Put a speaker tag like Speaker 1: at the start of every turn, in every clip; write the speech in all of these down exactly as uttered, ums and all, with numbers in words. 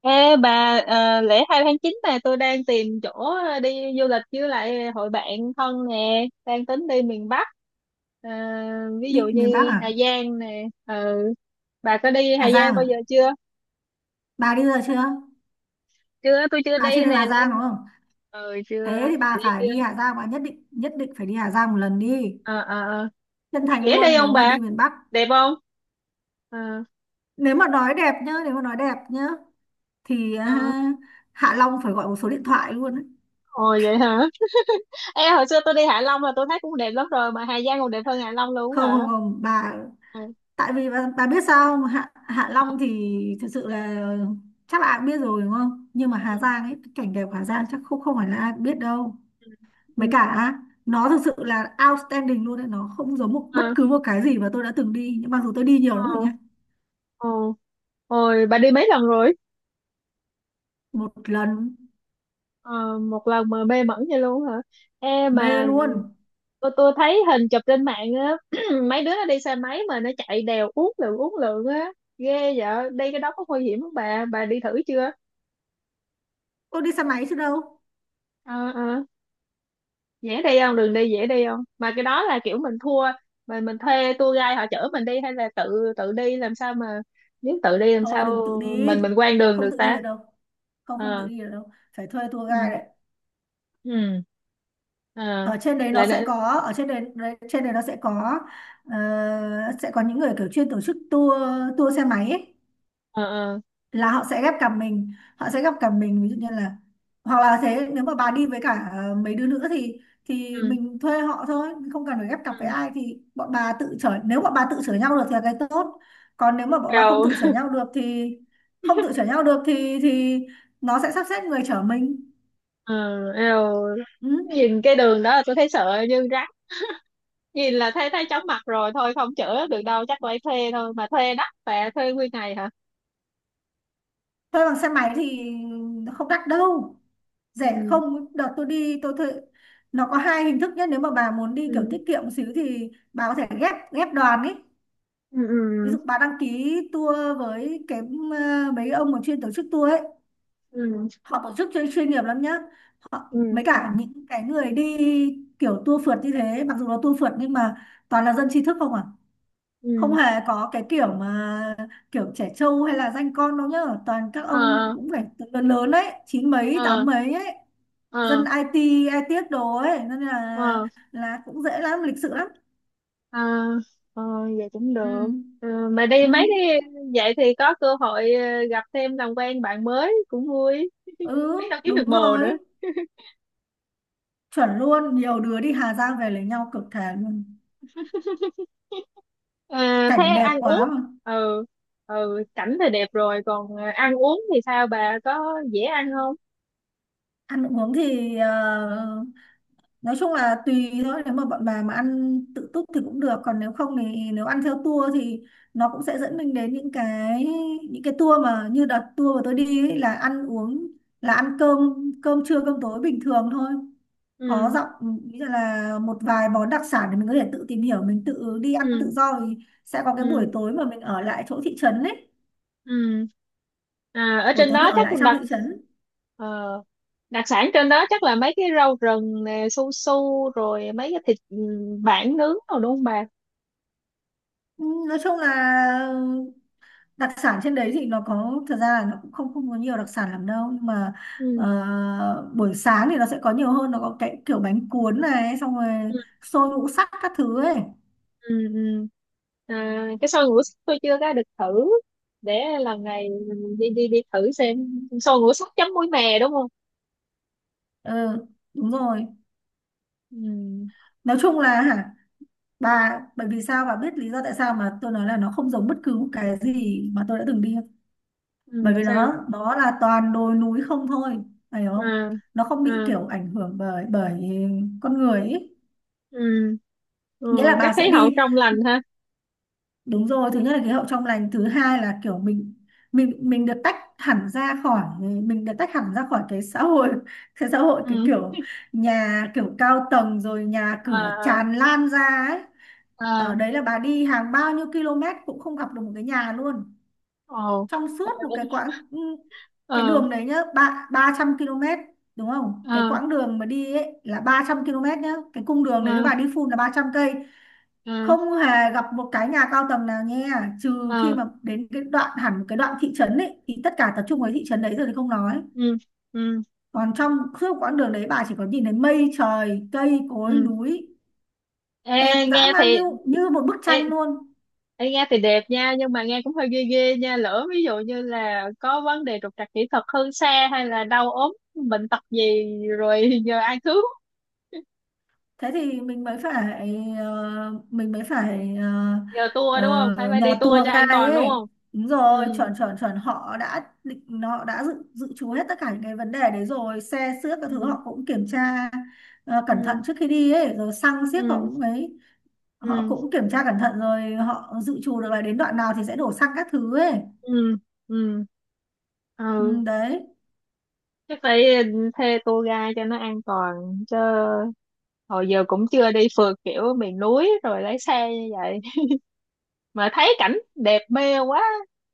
Speaker 1: Ê bà, ờ, lễ hai tháng chín này tôi đang tìm chỗ ờ, đi du lịch với lại hội bạn thân nè, đang tính đi miền Bắc. Ờ, Ví dụ
Speaker 2: Bị miền Bắc
Speaker 1: như Hà
Speaker 2: à?
Speaker 1: Giang nè, ừ. Bà có đi
Speaker 2: Hà
Speaker 1: Hà Giang
Speaker 2: Giang
Speaker 1: bao
Speaker 2: à?
Speaker 1: giờ chưa?
Speaker 2: Bà đi rồi chưa?
Speaker 1: Chưa, tôi chưa
Speaker 2: Bà chưa
Speaker 1: đi
Speaker 2: đi
Speaker 1: nè,
Speaker 2: Hà
Speaker 1: nên
Speaker 2: Giang đúng không?
Speaker 1: ừ, chưa.
Speaker 2: Thế thì
Speaker 1: Bà
Speaker 2: bà
Speaker 1: đi
Speaker 2: phải đi
Speaker 1: chưa?
Speaker 2: Hà Giang, bà nhất định, nhất định phải đi Hà Giang một lần đi.
Speaker 1: Ờ, ờ, ờ.
Speaker 2: Chân thành
Speaker 1: Dễ
Speaker 2: luôn
Speaker 1: đi
Speaker 2: nếu
Speaker 1: không
Speaker 2: mà
Speaker 1: bà?
Speaker 2: đi miền Bắc.
Speaker 1: Đẹp không? Ờ.
Speaker 2: Nếu mà nói đẹp nhá, nếu mà nói đẹp nhá thì
Speaker 1: Ờ.
Speaker 2: à, Hạ Long phải gọi một số điện thoại luôn ấy.
Speaker 1: Ồ, vậy hả? Ê, hồi xưa tôi đi Hạ Long là tôi thấy cũng đẹp lắm rồi mà Hà Giang còn đẹp hơn Hạ Long luôn
Speaker 2: Không,
Speaker 1: hả?
Speaker 2: không, không, bà,
Speaker 1: Ừ.
Speaker 2: tại vì bà, bà biết sao không? Hạ Hạ
Speaker 1: Ờ.
Speaker 2: Long thì thực sự là chắc là ai cũng biết rồi đúng không? Nhưng mà Hà Giang ấy, cái cảnh đẹp Hà Giang chắc không không phải là ai cũng biết đâu. Mấy
Speaker 1: Ừ.
Speaker 2: cả nó thực sự là outstanding luôn đấy. Nó không giống một bất
Speaker 1: Ờ,
Speaker 2: cứ một cái gì mà tôi đã từng đi. Nhưng mặc dù tôi đi nhiều lắm rồi
Speaker 1: ờ.
Speaker 2: nha.
Speaker 1: Ờ. Ôi, bà đi mấy lần rồi?
Speaker 2: Một lần
Speaker 1: Ờ, một lần mà mê mẩn vậy luôn hả? Ê
Speaker 2: mê
Speaker 1: mà
Speaker 2: luôn.
Speaker 1: tôi, tôi thấy hình chụp trên mạng á, mấy đứa nó đi xe máy mà nó chạy đèo uốn lượn uốn lượn á, ghê vậy. Đi cái đó có nguy hiểm không bà? Bà đi thử chưa?
Speaker 2: Tôi đi xe máy chứ đâu.
Speaker 1: Ờ, ờ, dễ đi không? Đường đi dễ đi không? Mà cái đó là kiểu mình thua, mà mình thuê tour guide họ chở mình đi hay là tự tự đi làm sao mà, nếu tự đi làm
Speaker 2: Thôi đừng
Speaker 1: sao
Speaker 2: tự đi.
Speaker 1: mình mình quen đường được
Speaker 2: Không tự đi
Speaker 1: ta?
Speaker 2: được đâu. Không không tự
Speaker 1: Ờ.
Speaker 2: đi được đâu. Phải thuê tour
Speaker 1: Ừ.
Speaker 2: guide đấy.
Speaker 1: Ừ. Ờ.
Speaker 2: Ở trên đấy nó
Speaker 1: Là
Speaker 2: sẽ
Speaker 1: nữa.
Speaker 2: có ở trên đấy đấy- Trên đấy nó sẽ có, ờ, sẽ có những người kiểu chuyên tổ chức tour tour xe máy ấy.
Speaker 1: Ờ. Ờ.
Speaker 2: Là họ sẽ ghép cặp mình họ sẽ ghép cặp mình, ví dụ như là hoặc là thế, nếu mà bà đi với cả ờ, mấy đứa nữa thì thì
Speaker 1: Ừ,
Speaker 2: mình thuê họ thôi, không cần phải ghép cặp với
Speaker 1: ừ,
Speaker 2: ai. Thì bọn bà tự chở, nếu bọn bà tự chở nhau được thì là cái tốt. Còn nếu mà bọn bà không
Speaker 1: eo,
Speaker 2: tự chở nhau được thì không tự chở nhau được thì thì nó sẽ sắp xếp người chở mình.
Speaker 1: ừ, eo.
Speaker 2: Ừ.
Speaker 1: Nhìn cái đường đó là tôi thấy sợ như rắn, nhìn là thấy thấy chóng mặt rồi, thôi không chữa được đâu, chắc phải thuê thôi. Mà thuê đắt và thuê nguyên ngày hả?
Speaker 2: Thuê bằng xe máy thì không đắt đâu, rẻ.
Speaker 1: Ừ,
Speaker 2: Không, đợt tôi đi tôi thuê, nó có hai hình thức nhé. Nếu mà bà muốn đi kiểu
Speaker 1: ừ,
Speaker 2: tiết kiệm một xíu thì bà có thể ghép ghép đoàn ấy.
Speaker 1: ừ,
Speaker 2: Ví
Speaker 1: ừ,
Speaker 2: dụ bạn đăng ký tour với cái ờ, mấy ông mà chuyên tổ chức tour ấy.
Speaker 1: ừ,
Speaker 2: Họ tổ chức chuyên chuyên nghiệp lắm nhá. Họ
Speaker 1: ừ,
Speaker 2: mấy cả những cái người đi kiểu tour phượt như thế. Mặc dù là tour phượt nhưng mà toàn là dân trí thức không à. Không
Speaker 1: ừ.
Speaker 2: hề có cái kiểu mà kiểu trẻ trâu hay là danh con đâu nhá. Toàn các ông
Speaker 1: Ờ,
Speaker 2: cũng phải từ lớn lớn ấy, chín mấy tám
Speaker 1: ờ,
Speaker 2: mấy ấy, dân
Speaker 1: ờ,
Speaker 2: i tê ai tiết đồ ấy, nên là
Speaker 1: ờ,
Speaker 2: là cũng dễ lắm, lịch sự lắm.
Speaker 1: ờ, ờ. Vậy cũng được.
Speaker 2: Ừ.
Speaker 1: Ờ, mà đi mấy
Speaker 2: Ừ.
Speaker 1: cái vậy thì có cơ hội ờ, gặp thêm làm quen bạn mới cũng vui,
Speaker 2: Ừ.
Speaker 1: biết đâu kiếm
Speaker 2: Đúng
Speaker 1: được bồ
Speaker 2: rồi,
Speaker 1: nữa.
Speaker 2: chuẩn luôn. Nhiều đứa đi Hà Giang về lấy nhau cực thề luôn,
Speaker 1: À, thế
Speaker 2: cảnh đẹp
Speaker 1: ăn uống?
Speaker 2: quá mà.
Speaker 1: Ừ, ừ, cảnh thì đẹp rồi còn à, ăn uống thì sao bà, có dễ ăn không?
Speaker 2: Ăn uống thì ờ, nói chung là tùy thôi. Nếu mà bọn bà mà ăn tự túc thì cũng được, còn nếu không thì nếu ăn theo tour thì nó cũng sẽ dẫn mình đến những cái những cái tour mà như đợt tour mà tôi đi ấy, là ăn uống là ăn cơm, cơm trưa cơm tối bình thường thôi. Có
Speaker 1: Ừ,
Speaker 2: dặm, ý là một vài món đặc sản để mình có thể tự tìm hiểu, mình tự đi ăn
Speaker 1: ừ,
Speaker 2: tự do thì sẽ có cái buổi
Speaker 1: ừ,
Speaker 2: tối mà mình ở lại chỗ thị trấn ấy,
Speaker 1: ừ. À, ở
Speaker 2: buổi
Speaker 1: trên
Speaker 2: tối mình
Speaker 1: đó
Speaker 2: ở
Speaker 1: chắc
Speaker 2: lại trong
Speaker 1: đặc
Speaker 2: thị trấn.
Speaker 1: ờ, đặc sản trên đó chắc là mấy cái rau rừng nè, su su, rồi mấy cái thịt, ừ, bản nướng rồi đúng không bà?
Speaker 2: Ừ, nói chung là đặc sản trên đấy thì nó có, thật ra là nó cũng không không có nhiều đặc sản lắm đâu, nhưng mà
Speaker 1: Ừ,
Speaker 2: ờ, buổi sáng thì nó sẽ có nhiều hơn, nó có cái kiểu bánh cuốn này, xong rồi
Speaker 1: ừ,
Speaker 2: xôi ngũ sắc các thứ ấy.
Speaker 1: ừ, ừ. À, cái xôi ngũ sắc tôi chưa có được thử, để lần này mình đi đi đi thử xem. Xôi ngũ sắc chấm muối mè đúng không?
Speaker 2: Ừ, đúng rồi.
Speaker 1: Ừ,
Speaker 2: Nói chung là hả, bà bởi vì sao bà biết lý do tại sao mà tôi nói là nó không giống bất cứ một cái gì mà tôi đã từng đi không?
Speaker 1: ừ,
Speaker 2: Bởi vì
Speaker 1: sao?
Speaker 2: nó nó là toàn đồi núi không thôi, phải không?
Speaker 1: À,
Speaker 2: Nó không bị
Speaker 1: à.
Speaker 2: kiểu ảnh hưởng bởi bởi con người ý.
Speaker 1: Ừ,
Speaker 2: Nghĩa
Speaker 1: ừ,
Speaker 2: là bà
Speaker 1: chắc
Speaker 2: sẽ
Speaker 1: thấy họ
Speaker 2: đi,
Speaker 1: trong lành ha.
Speaker 2: đúng rồi, thứ nhất là khí hậu trong lành, thứ hai là kiểu mình, mình mình được tách hẳn ra khỏi, mình được tách hẳn ra khỏi cái xã hội, cái xã hội
Speaker 1: Ừ,
Speaker 2: cái kiểu nhà kiểu cao tầng rồi nhà cửa
Speaker 1: à,
Speaker 2: tràn lan ra ấy.
Speaker 1: à.
Speaker 2: Ở đấy là bà đi hàng bao nhiêu km cũng không gặp được một cái nhà luôn,
Speaker 1: Ồ.
Speaker 2: trong
Speaker 1: Ờ,
Speaker 2: suốt một cái quãng, ừ, cái
Speaker 1: ờ,
Speaker 2: đường đấy nhá, ba 300 km, đúng không? Cái
Speaker 1: ờ,
Speaker 2: quãng đường mà đi ấy là ba trăm ki lô mét nhá, cái cung đường đấy nếu
Speaker 1: ờ,
Speaker 2: bà đi full là ba trăm cây,
Speaker 1: ờ,
Speaker 2: không hề gặp một cái nhà cao tầng nào nha, trừ khi
Speaker 1: ờ.
Speaker 2: mà đến cái đoạn hẳn một cái đoạn thị trấn ấy thì tất cả tập trung vào thị trấn đấy rồi thì không nói.
Speaker 1: Ừ, ừ,
Speaker 2: Còn trong suốt quãng đường đấy bà chỉ có nhìn thấy mây trời, cây cối,
Speaker 1: ừ.
Speaker 2: núi,
Speaker 1: Ê,
Speaker 2: đẹp
Speaker 1: nghe
Speaker 2: dã
Speaker 1: thì...
Speaker 2: man như như một bức
Speaker 1: ê,
Speaker 2: tranh luôn.
Speaker 1: ê nghe thì đẹp nha, nhưng mà nghe cũng hơi ghê ghê nha, lỡ ví dụ như là có vấn đề trục trặc kỹ thuật hơn xe hay là đau ốm bệnh tật gì rồi giờ ai cứu?
Speaker 2: Thế thì mình mới phải, ờ, mình mới phải, ờ,
Speaker 1: Giờ tour đúng không, phải
Speaker 2: ờ,
Speaker 1: phải đi
Speaker 2: nhờ
Speaker 1: tour
Speaker 2: tour
Speaker 1: cho an
Speaker 2: guide
Speaker 1: toàn đúng
Speaker 2: ấy.
Speaker 1: không?
Speaker 2: Đúng
Speaker 1: Ừ,
Speaker 2: rồi, chuẩn, chuẩn, chuẩn, họ đã định, họ đã dự dự trù hết tất cả những cái vấn đề đấy rồi, xe xước các thứ
Speaker 1: ừ,
Speaker 2: họ cũng kiểm tra ờ, cẩn thận
Speaker 1: ừ,
Speaker 2: trước khi đi ấy, rồi xăng xiếc họ
Speaker 1: ừ,
Speaker 2: cũng ấy, họ
Speaker 1: ừ,
Speaker 2: cũng kiểm tra cẩn thận rồi, họ dự trù được là đến đoạn nào thì sẽ đổ xăng các thứ ấy.
Speaker 1: ừ, ừ,
Speaker 2: Ừ,
Speaker 1: ừ.
Speaker 2: đấy.
Speaker 1: Chắc phải thuê tour guide cho nó an toàn chứ, hồi giờ cũng chưa đi phượt kiểu miền núi rồi lái xe như vậy, mà thấy cảnh đẹp mê quá.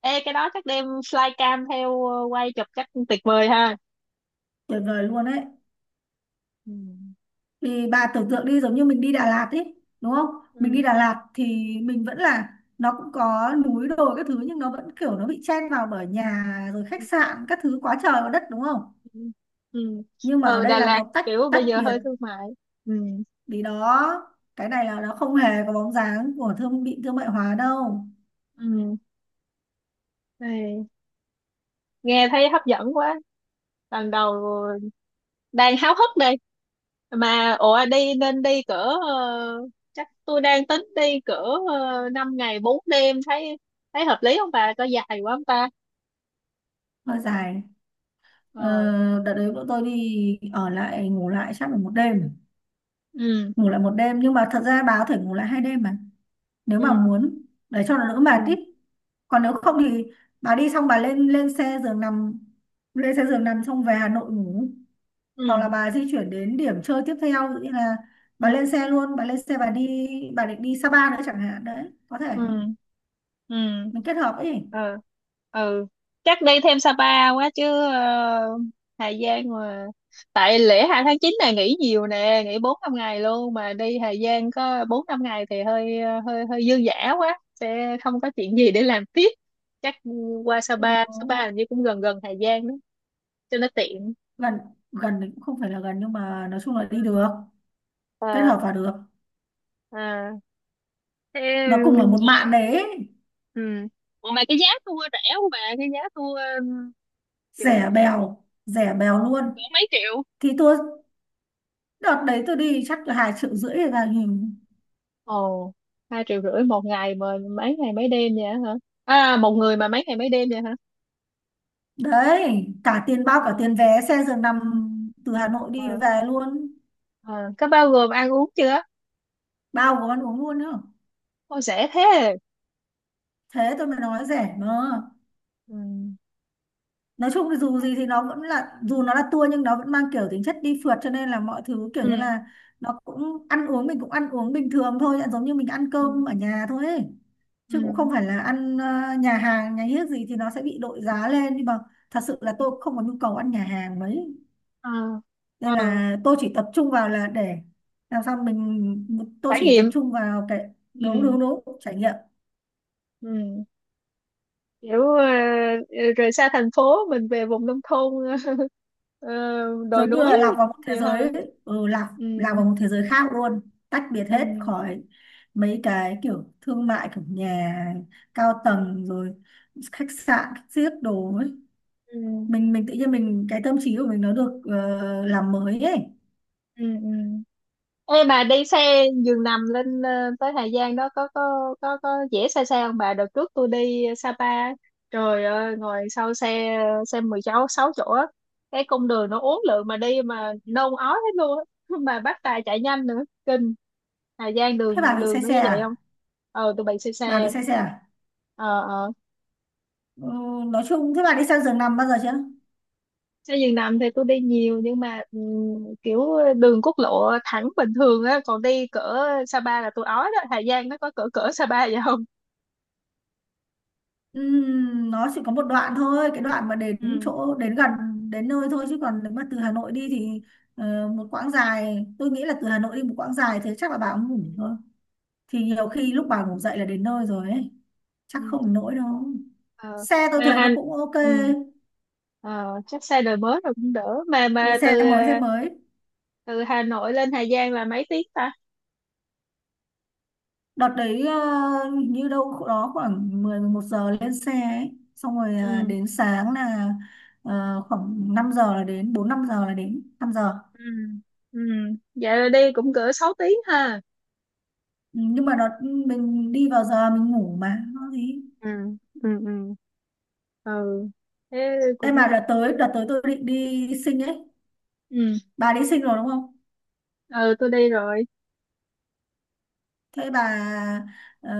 Speaker 1: Ê, cái đó chắc đem flycam theo ờ, quay chụp chắc tuyệt vời ha.
Speaker 2: Tuyệt vời luôn đấy.
Speaker 1: Ừ,
Speaker 2: Thì bà tưởng tượng đi, giống như mình đi Đà Lạt ấy, đúng không? Mình đi
Speaker 1: ừ,
Speaker 2: Đà Lạt thì mình vẫn là, nó cũng có núi đồi các thứ nhưng nó vẫn kiểu nó bị chen vào bởi nhà, rồi khách
Speaker 1: ừ,
Speaker 2: sạn các thứ quá trời quá đất, đúng không?
Speaker 1: ừ, ừ.
Speaker 2: Nhưng mà ở
Speaker 1: Ừ,
Speaker 2: đây
Speaker 1: Đà
Speaker 2: là
Speaker 1: Lạt
Speaker 2: nó tách,
Speaker 1: kiểu
Speaker 2: tách
Speaker 1: bây giờ
Speaker 2: biệt.
Speaker 1: hơi thương mại. Ừ,
Speaker 2: Vì đó cái này là nó không hề có bóng dáng của thương bị thương mại hóa đâu.
Speaker 1: ừ. Ê, nghe thấy hấp dẫn quá, lần đầu, đang háo hức đây. Mà ủa, đi nên đi cỡ, ờ, chắc tôi đang tính đi cỡ uh, năm ngày bốn đêm, thấy thấy hợp lý không bà, có dài quá không ta?
Speaker 2: Hơi dài. ờ,
Speaker 1: Ờ.
Speaker 2: Đợt đấy bọn tôi đi ở lại ngủ lại chắc là một đêm,
Speaker 1: Ừ,
Speaker 2: ngủ lại một đêm, nhưng mà thật ra bà có thể ngủ lại hai đêm mà, nếu mà
Speaker 1: ừ,
Speaker 2: muốn, để cho nó đỡ mệt tí.
Speaker 1: ừ,
Speaker 2: Còn nếu
Speaker 1: ừ,
Speaker 2: không thì bà đi xong bà lên, lên xe giường nằm, lên xe giường nằm xong về Hà Nội ngủ, hoặc là
Speaker 1: ừ,
Speaker 2: bà di chuyển đến điểm chơi tiếp theo, ví dụ như là
Speaker 1: ừ,
Speaker 2: bà lên xe luôn, bà lên xe bà đi, bà định đi Sapa nữa chẳng hạn đấy, có
Speaker 1: ừ,
Speaker 2: thể
Speaker 1: ừ,
Speaker 2: mình kết hợp ấy.
Speaker 1: ừ, ừ. Chắc đi thêm Sapa quá chứ, ờ, Hà Giang mà. Tại lễ hai tháng chín này nghỉ nhiều nè, nghỉ bốn năm ngày luôn mà đi Hà Giang có bốn năm ngày thì hơi ờ, hơi hơi dư dả quá, sẽ không có chuyện gì để làm tiếp. Chắc qua
Speaker 2: Ừ,
Speaker 1: Sapa, Sapa hình như cũng gần gần Hà Giang đó, cho nó tiện.
Speaker 2: gần. Gần thì cũng không phải là gần nhưng mà nói chung là đi được, kết hợp vào được,
Speaker 1: À. Thế,
Speaker 2: nó cùng ở một
Speaker 1: ủa,
Speaker 2: mạn đấy ấy.
Speaker 1: ừ. Ủa mà cái giá tour rẻ không bà? Cái giá tour, um, kiểu
Speaker 2: Rẻ bèo, rẻ
Speaker 1: ờ,
Speaker 2: bèo luôn.
Speaker 1: cỡ mấy triệu?
Speaker 2: Thì tôi Đợt đấy tôi đi chắc là hai triệu rưỡi hay là gì
Speaker 1: Ồ, hai triệu rưỡi một ngày mà mấy ngày mấy đêm vậy hả? À, một người mà mấy ngày mấy đêm vậy hả?
Speaker 2: đấy, cả tiền, bao cả
Speaker 1: Ờ,
Speaker 2: tiền vé xe giường nằm từ Hà Nội đi
Speaker 1: ờ,
Speaker 2: về luôn,
Speaker 1: ờ. Có bao gồm ăn uống chưa?
Speaker 2: bao gồm ăn uống luôn nữa.
Speaker 1: Ôi, rẻ thế.
Speaker 2: Thế tôi mới nói rẻ mà.
Speaker 1: Ừ,
Speaker 2: Nói chung thì dù gì thì nó vẫn là, dù nó là tour nhưng nó vẫn mang kiểu tính chất đi phượt, cho nên là mọi thứ kiểu
Speaker 1: ừ,
Speaker 2: như là, nó cũng ăn uống, mình cũng ăn uống bình thường thôi, giống như mình ăn
Speaker 1: ừ,
Speaker 2: cơm ở nhà thôi ấy. Chứ cũng
Speaker 1: ừ.
Speaker 2: không phải là ăn ờ, nhà hàng nhà hiếc gì thì nó sẽ bị đội giá lên, nhưng mà thật sự là tôi cũng không có nhu cầu ăn nhà hàng mấy,
Speaker 1: Ờ, ờ.
Speaker 2: nên là tôi chỉ tập trung vào là để làm sao mình, tôi
Speaker 1: Trải
Speaker 2: chỉ tập
Speaker 1: nghiệm.
Speaker 2: trung vào cái, đúng
Speaker 1: Ừ,
Speaker 2: đúng đúng, trải nghiệm.
Speaker 1: ừ. Kiểu ờ, ờ, rời xa thành phố mình về vùng nông thôn ờ, đồi
Speaker 2: Giống như
Speaker 1: núi
Speaker 2: là lạc vào một thế
Speaker 1: vậy thôi.
Speaker 2: giới, ừ, lạc
Speaker 1: Ừ,
Speaker 2: lạc vào một thế giới khác luôn, tách biệt hết
Speaker 1: ừ,
Speaker 2: khỏi mấy cái kiểu thương mại, kiểu nhà cao tầng rồi khách sạn xiếc đồ ấy.
Speaker 1: ừ,
Speaker 2: Mình mình tự nhiên mình, cái tâm trí của mình nó được, ờ, làm mới ấy.
Speaker 1: ừ, ừ. Ê bà, đi xe giường nằm lên ờ, tới Hà Giang đó có có có có dễ, xa xa không bà? Đợt trước tôi đi Sapa, trời ơi, ngồi sau xe xe 16 sáu chỗ á, cái cung đường nó uốn lượn mà đi mà nôn ói hết luôn á. Mà bắt tài chạy nhanh nữa kinh. Hà Giang
Speaker 2: Thế bà
Speaker 1: đường
Speaker 2: bị
Speaker 1: đường
Speaker 2: say
Speaker 1: nó
Speaker 2: xe
Speaker 1: như vậy không?
Speaker 2: à?
Speaker 1: Ờ tụi bay xe
Speaker 2: bà bị
Speaker 1: xe
Speaker 2: say xe à
Speaker 1: ờ, ờ,
Speaker 2: ừ, nói chung thế bà đi sang giường nằm bao giờ chưa?
Speaker 1: xe giường nằm thì tôi đi nhiều nhưng mà ừm, kiểu đường quốc lộ thẳng bình thường á, còn đi cỡ Sapa là tôi ói đó. Hà Giang nó có cỡ cỡ Sapa vậy không?
Speaker 2: Ừm, nó chỉ có một đoạn thôi, cái đoạn mà đến
Speaker 1: Ừ,
Speaker 2: chỗ đến gần đến nơi thôi, chứ còn nếu mà từ Hà Nội đi thì ờ, một quãng dài, tôi nghĩ là từ Hà Nội đi một quãng dài thế chắc là bà cũng ngủ thôi, thì nhiều khi lúc bà ngủ dậy là đến nơi rồi ấy, chắc
Speaker 1: ừ,
Speaker 2: không đến nỗi đâu.
Speaker 1: ờ,
Speaker 2: Xe tôi
Speaker 1: mà
Speaker 2: thấy nó
Speaker 1: hành,
Speaker 2: cũng ok.
Speaker 1: ừ, ờ, chắc xe đời mới rồi cũng đỡ. mà
Speaker 2: Ừ,
Speaker 1: mà từ
Speaker 2: xe mới, xe
Speaker 1: ờ,
Speaker 2: mới.
Speaker 1: từ Hà Nội lên Hà Giang là mấy tiếng ta?
Speaker 2: Đợt đấy ờ, hình như đâu đó khoảng mười mười một giờ lên xe ấy. Xong rồi ờ,
Speaker 1: Ừ,
Speaker 2: đến sáng là ờ, khoảng năm giờ là đến, bốn năm giờ là đến, năm giờ.
Speaker 1: ừ, ừ. Vậy là đi cũng cỡ sáu tiếng ha?
Speaker 2: Ừ, nhưng mà đợt, ừ, mình đi vào giờ mình ngủ mà nó gì.
Speaker 1: Ừ, ừ, ừ, ừ. Thế
Speaker 2: Em
Speaker 1: cũng
Speaker 2: mà đợt
Speaker 1: ok.
Speaker 2: tới, đợt tới tôi định đi sinh ấy.
Speaker 1: Ừ,
Speaker 2: Bà đi sinh rồi đúng không?
Speaker 1: ừ, tôi đi rồi.
Speaker 2: Thế bà ờ,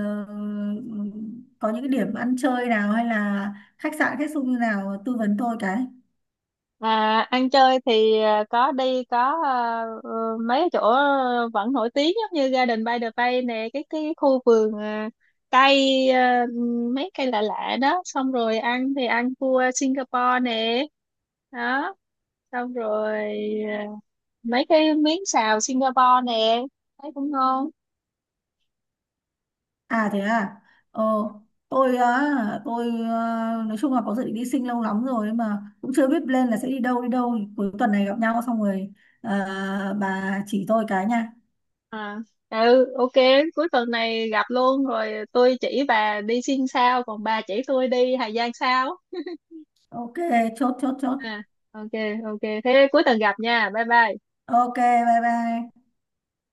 Speaker 2: có những cái điểm ăn chơi nào hay là khách sạn khách sung như nào tư vấn tôi cái.
Speaker 1: À, ăn chơi thì à, có đi có à, ờ, mấy chỗ vẫn nổi tiếng, giống như Garden by the Bay nè, cái cái khu vườn, à, cây, à, mấy cây lạ lạ đó, xong rồi ăn thì ăn cua Singapore nè, đó, xong rồi à, mấy cái miếng xào Singapore nè, thấy cũng ngon.
Speaker 2: À thế à. Ờ tôi á tôi ờ, Nói chung là có dự định đi sinh lâu lắm rồi nhưng mà cũng chưa biết lên là sẽ đi đâu, đi đâu cuối tuần này gặp nhau xong rồi ờ, bà chỉ tôi cái nha.
Speaker 1: À, ừ, ok, cuối tuần này gặp luôn rồi tôi chỉ bà đi Sing sao, còn bà chỉ tôi đi Hà Giang sao?
Speaker 2: Ok, chốt chốt chốt.
Speaker 1: À, ok, ok, thế cuối tuần gặp nha, bye bye.
Speaker 2: Ok, bye bye.